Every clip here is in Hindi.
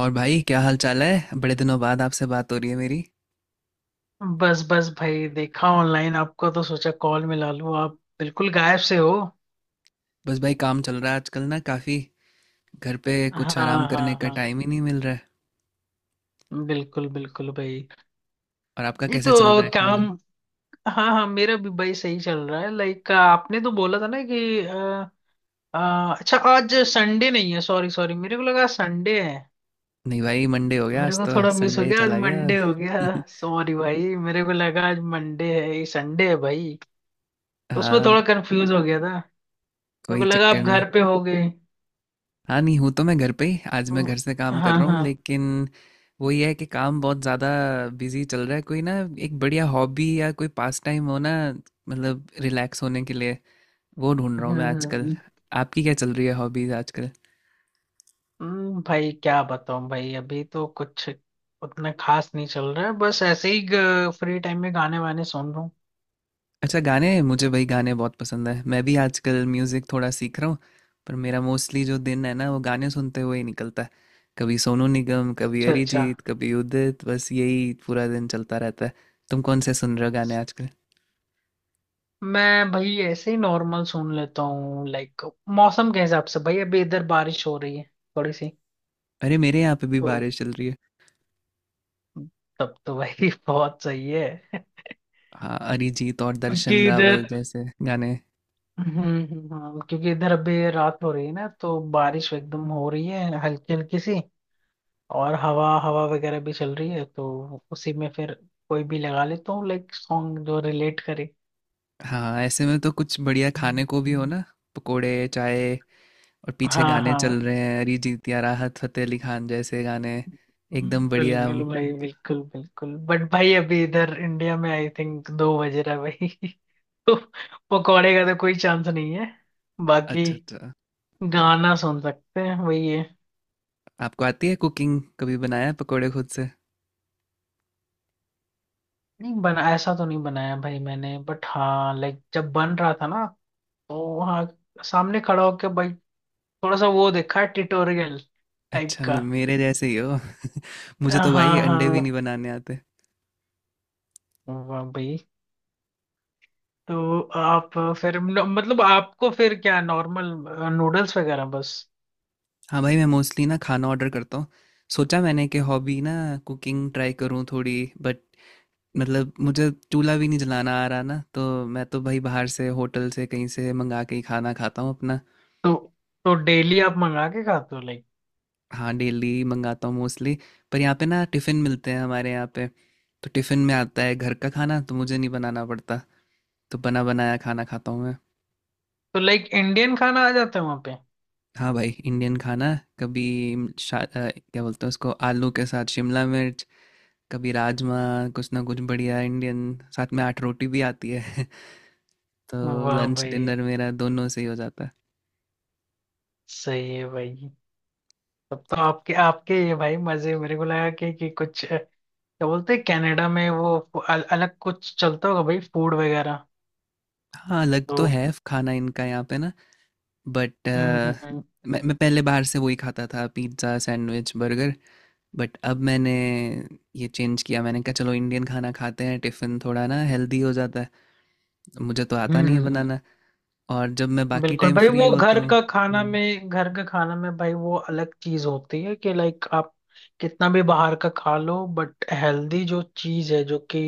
और भाई क्या हाल चाल है। बड़े दिनों बाद आपसे बात हो रही है मेरी। बस बस भाई, देखा ऑनलाइन आपको तो सोचा कॉल मिला लूं। आप बिल्कुल गायब से हो। बस भाई काम चल रहा है आजकल ना काफ़ी। घर पे हाँ कुछ आराम करने हाँ का हाँ। टाइम ही नहीं मिल रहा है। बिल्कुल बिल्कुल भाई। और आपका नहीं कैसे चल तो। रहा है काम। काम? हाँ हाँ, मेरा भी भाई सही चल रहा है। लाइक आपने तो बोला था ना कि अच्छा आज संडे नहीं है। सॉरी सॉरी, मेरे को लगा संडे है। नहीं भाई मंडे हो गया मेरे आज को तो। थोड़ा मिस हो संडे गया, आज चला गया। मंडे हो गया। सॉरी भाई, मेरे को लगा आज मंडे है, ये संडे है भाई। उसमें हाँ, थोड़ा कंफ्यूज हो गया था। मेरे कोई को लगा चक्कर आप नहीं। घर पे हो गए। हाँ नहीं हूँ तो, मैं घर पे ही, आज मैं तो- घर से काम कर हाँ रहा हूँ, हाँ। लेकिन वही है कि काम बहुत ज़्यादा बिजी चल रहा है। कोई ना एक बढ़िया हॉबी या कोई पास टाइम हो ना, मतलब रिलैक्स होने के लिए, वो ढूंढ रहा हूँ मैं आजकल। हम्म आपकी क्या चल रही है हॉबीज आजकल? भाई क्या बताऊं भाई, अभी तो कुछ उतना खास नहीं चल रहा है, बस ऐसे ही फ्री टाइम में गाने वाने सुन रहा हूँ। अच्छा गाने, मुझे भाई गाने बहुत पसंद है। मैं भी आजकल म्यूज़िक थोड़ा सीख रहा हूँ, पर मेरा मोस्टली जो दिन है ना, वो गाने सुनते हुए ही निकलता है। कभी सोनू निगम, कभी अच्छा अच्छा। अरिजीत, कभी उदित, बस यही पूरा दिन चलता रहता है। तुम कौन से सुन रहे हो गाने आजकल? मैं भाई ऐसे ही नॉर्मल सुन लेता हूँ लाइक, मौसम के हिसाब से भाई। अभी इधर बारिश हो रही है थोड़ी सी, अरे मेरे यहाँ पे भी तो बारिश चल रही है। तब तो भाई बहुत सही है, हाँ अरिजीत और दर्शन क्योंकि इधर, रावल जैसे गाने। हम्म, हाँ, क्योंकि इधर अभी रात हो रही है ना तो बारिश एकदम हो रही है, हल्की हल्की सी, और हवा हवा वगैरह भी चल रही है। तो उसी में फिर कोई भी लगा लेता हूँ, लाइक सॉन्ग जो रिलेट करे। हाँ ऐसे में तो कुछ बढ़िया खाने को भी हो ना, पकोड़े चाय, और पीछे हाँ गाने चल हाँ, रहे हैं अरिजीत या राहत फतेह अली खान जैसे गाने। एकदम बढ़िया। बिल्कुल भाई, बिल्कुल बिल्कुल। बट भाई अभी इधर इंडिया में आई थिंक 2 बज रहा है भाई। तो पकौड़े का तो कोई चांस नहीं है, बाकी अच्छा अच्छा। गाना सुन सकते हैं, वही है। आपको आती है कुकिंग? कभी बनाया है पकोड़े खुद से? नहीं बना, ऐसा तो नहीं बनाया भाई मैंने, बट हाँ लाइक जब बन रहा था ना तो वहाँ सामने खड़ा होकर भाई थोड़ा सा वो देखा है, ट्यूटोरियल टाइप अच्छा का। मेरे जैसे ही हो। मुझे हाँ तो भाई अंडे भी हाँ। नहीं बनाने आते। वाह भाई। तो आप फिर मतलब आपको फिर क्या, नॉर्मल नूडल्स वगैरह बस? हाँ भाई मैं मोस्टली ना खाना ऑर्डर करता हूँ। सोचा मैंने कि हॉबी ना, कुकिंग ट्राई करूँ थोड़ी, बट मतलब मुझे चूल्हा भी नहीं जलाना आ रहा ना, तो मैं तो भाई बाहर से होटल से कहीं से मंगा के ही खाना खाता हूँ अपना। तो तो डेली आप मंगा के खाते हो, लाइक? हाँ डेली मंगाता हूँ मोस्टली। पर यहाँ पे ना टिफ़िन मिलते हैं हमारे यहाँ पे, तो टिफ़िन में आता है घर का खाना, तो मुझे नहीं बनाना पड़ता। तो बना बनाया खाना खाता हूँ मैं। तो लाइक इंडियन खाना आ जाता है वहां पे। हाँ भाई इंडियन खाना, कभी शा, अ, क्या बोलते हैं उसको, आलू के साथ शिमला मिर्च, कभी राजमा, कुछ ना कुछ बढ़िया इंडियन। साथ में आठ रोटी भी आती है। तो वाह लंच भाई। डिनर मेरा दोनों से ही हो जाता है। सही है भाई। तब तो आपके आपके ये भाई मजे। मेरे को लगा कि कुछ क्या बोलते हैं, कनाडा में वो अलग कुछ चलता होगा भाई, फूड वगैरह। हाँ अलग तो तो है खाना इनका यहाँ पे ना, बट हम्म हम्म हम्म मैं पहले बाहर से वही खाता था, पिज्ज़ा सैंडविच बर्गर। बट अब मैंने ये चेंज किया, मैंने कहा चलो इंडियन खाना खाते हैं, टिफ़िन थोड़ा ना हेल्दी हो जाता है। मुझे तो आता हम्म, नहीं है हम्म। बनाना, और जब मैं बाकी बिल्कुल टाइम भाई। फ्री वो होता हूँ। हम्म। घर का खाना में भाई वो अलग चीज होती है कि लाइक, आप कितना भी बाहर का खा लो, बट हेल्दी जो चीज है, जो कि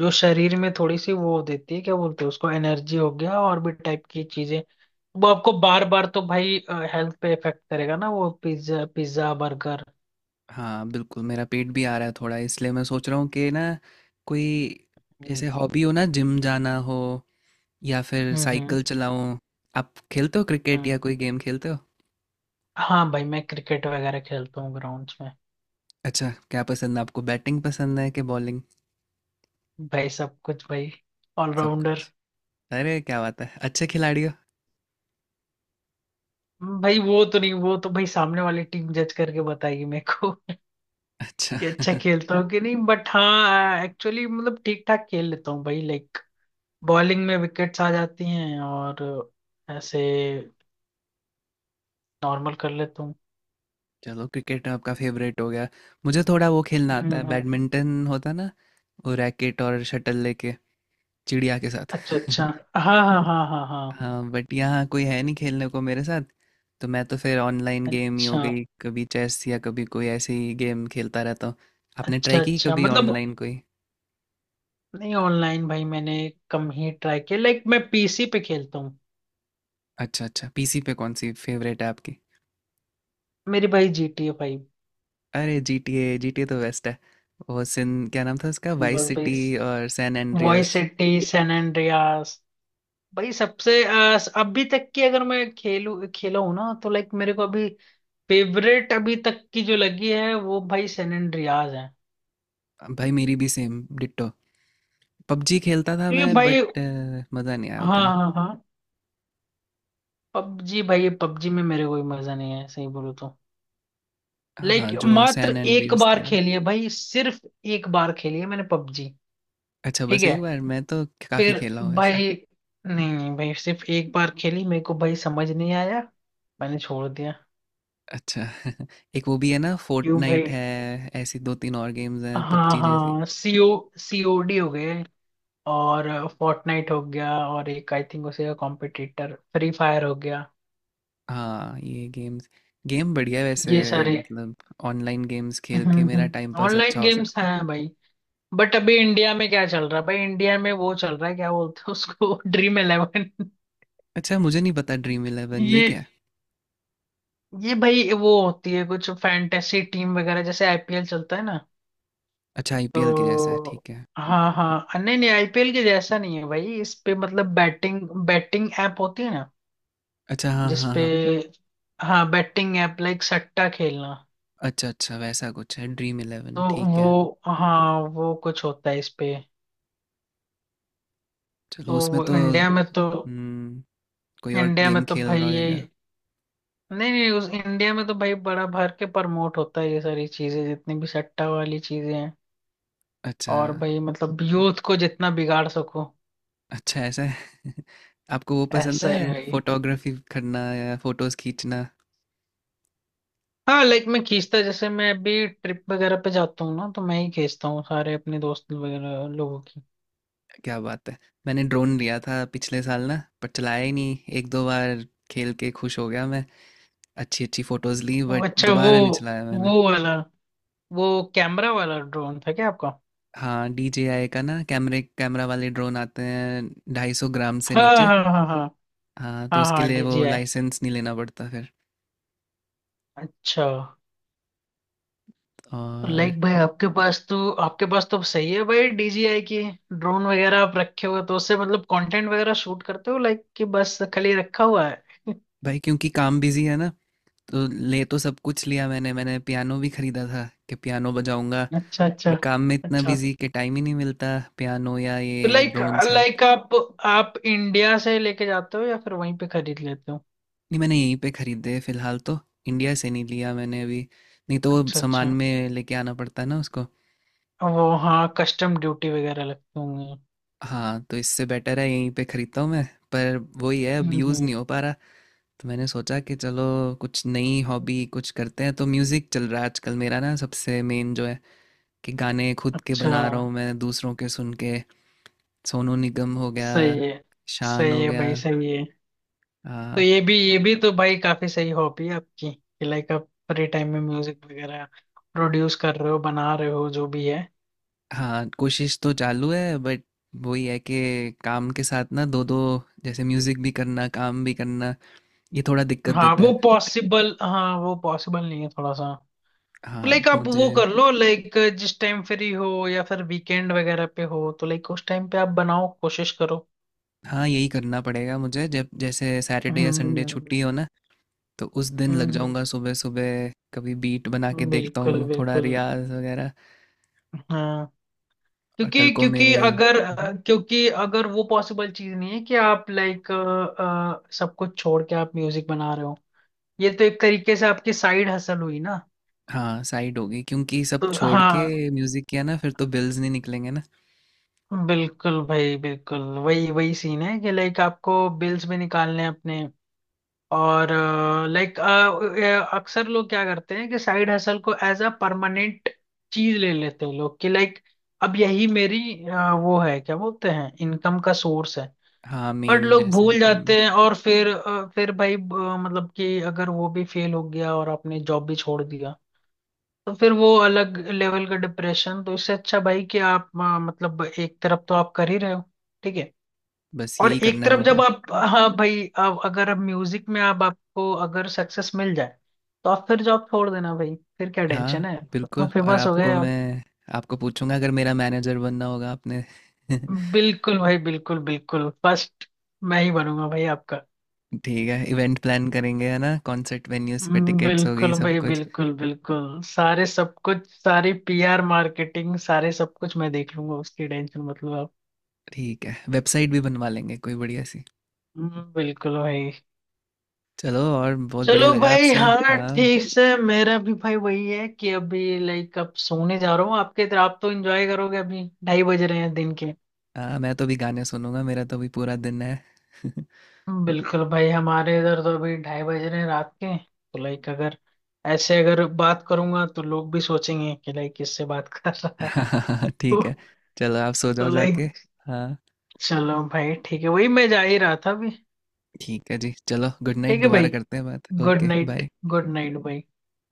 जो शरीर में थोड़ी सी वो देती है, क्या बोलते हैं उसको, एनर्जी हो गया और भी टाइप की चीजें। वो आपको बार बार, तो भाई हेल्थ पे इफेक्ट करेगा ना, वो पिज्जा पिज्जा बर्गर। हाँ बिल्कुल, मेरा पेट भी आ रहा है थोड़ा, इसलिए मैं सोच रहा हूँ कि ना, कोई हम्म, जैसे हॉबी हो ना, जिम जाना हो या फिर हम्म हम्म साइकिल चलाऊँ। आप खेलते हो क्रिकेट, या हम्म। कोई गेम खेलते हो? हाँ भाई, मैं क्रिकेट वगैरह खेलता हूँ ग्राउंड्स में। अच्छा क्या पसंद है आपको, बैटिंग पसंद है कि बॉलिंग? भाई सब कुछ भाई, सब ऑलराउंडर। कुछ? अरे क्या बात है, अच्छे खिलाड़ी हो। भाई वो तो नहीं, वो तो भाई सामने वाली टीम जज करके बताएगी मेरे को अच्छा। कि अच्छा खेलता हूँ कि नहीं। बट हाँ, एक्चुअली मतलब ठीक ठाक खेल लेता हूँ भाई, लाइक बॉलिंग में विकेट्स आ जाती हैं, और ऐसे नॉर्मल कर लेता हूँ। चलो क्रिकेट आपका फेवरेट हो गया। मुझे थोड़ा वो खेलना हम्म आता है, हम्म। बैडमिंटन होता है ना, वो रैकेट और शटल लेके, चिड़िया के साथ। अच्छा अच्छा। हाँ हाँ हाँ हाँ हाँ। हाँ बट यहाँ कोई है नहीं खेलने को मेरे साथ, तो मैं तो फिर ऑनलाइन गेम ही हो अच्छा गई, कभी चेस या कभी कोई ऐसी गेम खेलता रहता हूँ। आपने अच्छा। ट्राई की अच्छा कभी मतलब, ऑनलाइन कोई? नहीं ऑनलाइन भाई मैंने कम ही ट्राई किया, लाइक मैं पीसी पे खेलता हूँ। अच्छा अच्छा, पीसी पे कौन सी फेवरेट है आपकी? मेरी भाई, GTA 5। अरे G T A, G T A तो बेस्ट है। वो सिन क्या नाम था उसका, वाइस सिटी और San Andreas. Vice City, San, भाई सबसे अभी तक की, अगर मैं खेलू खेला हूँ ना तो लाइक, मेरे को अभी फेवरेट अभी तक की जो लगी है वो भाई सैन एंड्रियाज है। भाई मेरी भी सेम डिट्टो। पबजी खेलता था मैं, क्योंकि बट भाई, मज़ा नहीं आया हाँ उतना। हाँ हाँ, पबजी भाई, पबजी में मेरे कोई मजा नहीं है, सही बोलो तो। हाँ लाइक जो मात्र सैन एक एंड्रियास थी बार ना। खेली है भाई, सिर्फ एक बार खेली है मैंने पबजी। अच्छा ठीक बस है। एक बार, मैं तो काफ़ी फिर खेला हूँ वैसे। भाई, नहीं नहीं भाई, सिर्फ एक बार खेली, मेरे को भाई समझ नहीं आया, मैंने छोड़ दिया। अच्छा। एक वो भी है ना, क्यों भाई? फोर्टनाइट है। ऐसी दो तीन और गेम्स हैं हाँ पबजी जैसी। हाँ सीओडी हो गए, और फोर्टनाइट हो गया, और एक आई थिंक उसे कॉम्पिटिटर फ्री फायर हो गया। हाँ ये गेम्स, गेम बढ़िया है ये वैसे, सारे मतलब ऑनलाइन गेम्स खेल के मेरा टाइम पास अच्छा ऑनलाइन हो गेम्स सकता है। हैं भाई। बट अभी इंडिया में क्या चल रहा है भाई, इंडिया में वो चल रहा है, क्या बोलते हैं उसको ड्रीम इलेवन। अच्छा मुझे नहीं पता, ड्रीम इलेवन ये ये क्या है? ये भाई वो होती है, कुछ फैंटेसी टीम वगैरह, जैसे आईपीएल चलता है ना, अच्छा आईपीएल के जैसा है, तो। ठीक है। हाँ हाँ, नहीं नहीं, आईपीएल के जैसा नहीं है भाई। इस पे मतलब बैटिंग, बैटिंग ऐप होती है ना, अच्छा हाँ हाँ जिसपे, हाँ। हाँ, बैटिंग ऐप, लाइक सट्टा खेलना। अच्छा अच्छा वैसा कुछ है, ड्रीम तो इलेवन, ठीक है। वो हाँ, वो कुछ होता है इस पे। चलो तो उसमें वो तो। इंडिया में तो, हम्म, कोई और इंडिया में गेम तो खेल भाई रहा ये, होगा। नहीं नहीं, उस इंडिया में तो भाई बड़ा भर के प्रमोट होता है, ये सारी चीजें जितनी भी सट्टा वाली चीजें हैं। अच्छा और भाई मतलब यूथ को जितना बिगाड़ सको। अच्छा ऐसा है। आपको वो पसंद ऐसा ही है भाई। फोटोग्राफी करना या फोटोज खींचना? हाँ लाइक मैं खींचता, जैसे मैं अभी ट्रिप वगैरह पे जाता हूँ ना, तो मैं ही खींचता हूँ सारे अपने दोस्त वगैरह लोगों की। क्या बात है। मैंने ड्रोन लिया था पिछले साल ना, पर चलाया ही नहीं, एक दो बार खेल के खुश हो गया मैं। अच्छी अच्छी फोटोज ली, वो- बट अच्छा वो दोबारा नहीं चलाया मैंने। वो वाला वो कैमरा वाला ड्रोन था क्या आपका? हाँ DJI का ना, कैमरे कैमरा वाले ड्रोन आते हैं 250 ग्राम से हाँ नीचे। हाँ हाँ हाँ हाँ तो हाँ उसके हाँ, लिए वो DJI। लाइसेंस नहीं लेना पड़ता फिर। अच्छा। तो और लाइक भाई आपके पास तो सही है भाई, DJI की ड्रोन वगैरह आप रखे हुए, तो उससे मतलब कंटेंट वगैरह शूट करते हो लाइक, कि बस खाली रखा हुआ है? भाई क्योंकि काम बिजी है ना, तो ले तो सब कुछ लिया मैंने मैंने पियानो भी खरीदा था कि पियानो बजाऊंगा, अच्छा पर अच्छा। काम में इतना अच्छा बिजी कि टाइम ही नहीं मिलता पियानो या तो ये लाइक, ड्रोन से। लाइक आप इंडिया से लेके जाते हो या फिर वहीं पे खरीद लेते हो? नहीं मैंने यहीं पे खरीदे फिलहाल तो, इंडिया से नहीं लिया मैंने अभी, नहीं तो वो अच्छा सामान अच्छा, में लेके आना पड़ता है ना उसको। वो हाँ, कस्टम ड्यूटी वगैरह लगते होंगे। हाँ तो इससे बेटर है यहीं पे खरीदता हूँ मैं, पर वही है अब हम्म यूज़ हम्म। नहीं हो पा रहा। तो मैंने सोचा कि चलो कुछ नई हॉबी कुछ करते हैं, तो म्यूज़िक चल रहा है आजकल मेरा ना, सबसे मेन जो है कि गाने खुद के अच्छा। बना रहा हूँ मैं दूसरों के सुन के। सोनू निगम हो गया, सही है, शान सही हो है गया। भाई, सही है। तो ये भी तो भाई काफी सही हॉबी है आपकी कि लाइक आप फ्री टाइम में म्यूजिक वगैरह प्रोड्यूस कर रहे हो, बना रहे हो, जो भी है। हाँ कोशिश तो चालू है, बट वही है कि काम के साथ ना, दो दो, जैसे म्यूजिक भी करना काम भी करना, ये थोड़ा दिक्कत देता है। हाँ वो पॉसिबल नहीं है थोड़ा सा। तो हाँ लाइक तो आप मुझे, वो कर लो, लाइक जिस टाइम फ्री हो या फिर वीकेंड वगैरह पे हो, तो लाइक उस टाइम पे आप बनाओ, कोशिश करो। हाँ यही करना पड़ेगा मुझे, जब जैसे सैटरडे या हम्म संडे छुट्टी हो ना, तो उस दिन लग हम्म, जाऊंगा सुबह सुबह, कभी बीट बना के देखता बिल्कुल हूँ थोड़ा बिल्कुल। रियाज वगैरह। हाँ, और कल क्योंकि को मेरे। हम्म। क्योंकि अगर वो पॉसिबल चीज नहीं है कि आप लाइक सब कुछ छोड़ के आप म्यूजिक बना रहे हो, ये तो एक तरीके से आपकी साइड हसल हुई ना। हाँ साइड होगी, क्योंकि सब तो छोड़ के हाँ, म्यूजिक किया ना, फिर तो बिल्स नहीं निकलेंगे ना। बिल्कुल भाई बिल्कुल। वही वही सीन है कि लाइक आपको बिल्स भी निकालने हैं अपने, और लाइक अक्सर लोग क्या करते हैं कि साइड हसल को एज अ परमानेंट चीज ले लेते हैं लोग, कि लाइक अब यही मेरी वो है, क्या बोलते हैं, इनकम का सोर्स है। हाँ बट मेन लोग जैसे। भूल हम्म। जाते हैं, और फिर फिर भाई मतलब, कि अगर वो भी फेल हो गया और आपने जॉब भी छोड़ दिया, तो फिर वो अलग लेवल का डिप्रेशन। तो इससे अच्छा भाई कि आप मतलब एक तरफ तो आप कर ही रहे हो, ठीक है। बस और यही एक करना है तरफ जब मुझे। आप, हाँ भाई, अब अगर म्यूजिक में आप आपको अगर सक्सेस मिल जाए, तो आप फिर जॉब छोड़ देना भाई, फिर क्या हाँ टेंशन है? तो बिल्कुल, और फेमस हो गए आपको आप। मैं, आपको पूछूंगा अगर मेरा मैनेजर बनना होगा आपने। बिल्कुल भाई बिल्कुल बिल्कुल, फर्स्ट मैं ही बनूंगा भाई आपका। ठीक है इवेंट प्लान करेंगे है ना, कॉन्सर्ट वेन्यूज पे टिकट्स हो गई बिल्कुल सब भाई कुछ। बिल्कुल बिल्कुल, सारे सब कुछ, सारी पीआर मार्केटिंग, सारे सब कुछ मैं देख लूंगा, उसकी टेंशन मतलब आप। ठीक है वेबसाइट भी बनवा लेंगे कोई बढ़िया सी। बिल्कुल भाई। चलो और बहुत चलो बढ़िया लगा भाई, आपसे। हाँ हाँ। ठीक, से मेरा भी भाई वही है कि अभी लाइक अब सोने जा रहा हूँ। आपके इधर आप तो एंजॉय करोगे, अभी 2:30 बज रहे हैं दिन के। हाँ मैं तो भी गाने सुनूंगा, मेरा तो भी पूरा दिन है। बिल्कुल भाई, हमारे इधर तो अभी ढाई बज रहे हैं रात के, तो लाइक अगर ऐसे अगर बात करूंगा तो लोग भी सोचेंगे कि लाइक किससे बात कर रहा है। हाँ ठीक है, तो चलो आप सो जाओ जाके। लाइक, हाँ चलो भाई ठीक है, वही मैं जा ही रहा था अभी। ठीक है जी, चलो गुड नाइट, ठीक है दोबारा भाई। करते हैं बात, good okay bye. Night. Good night भाई।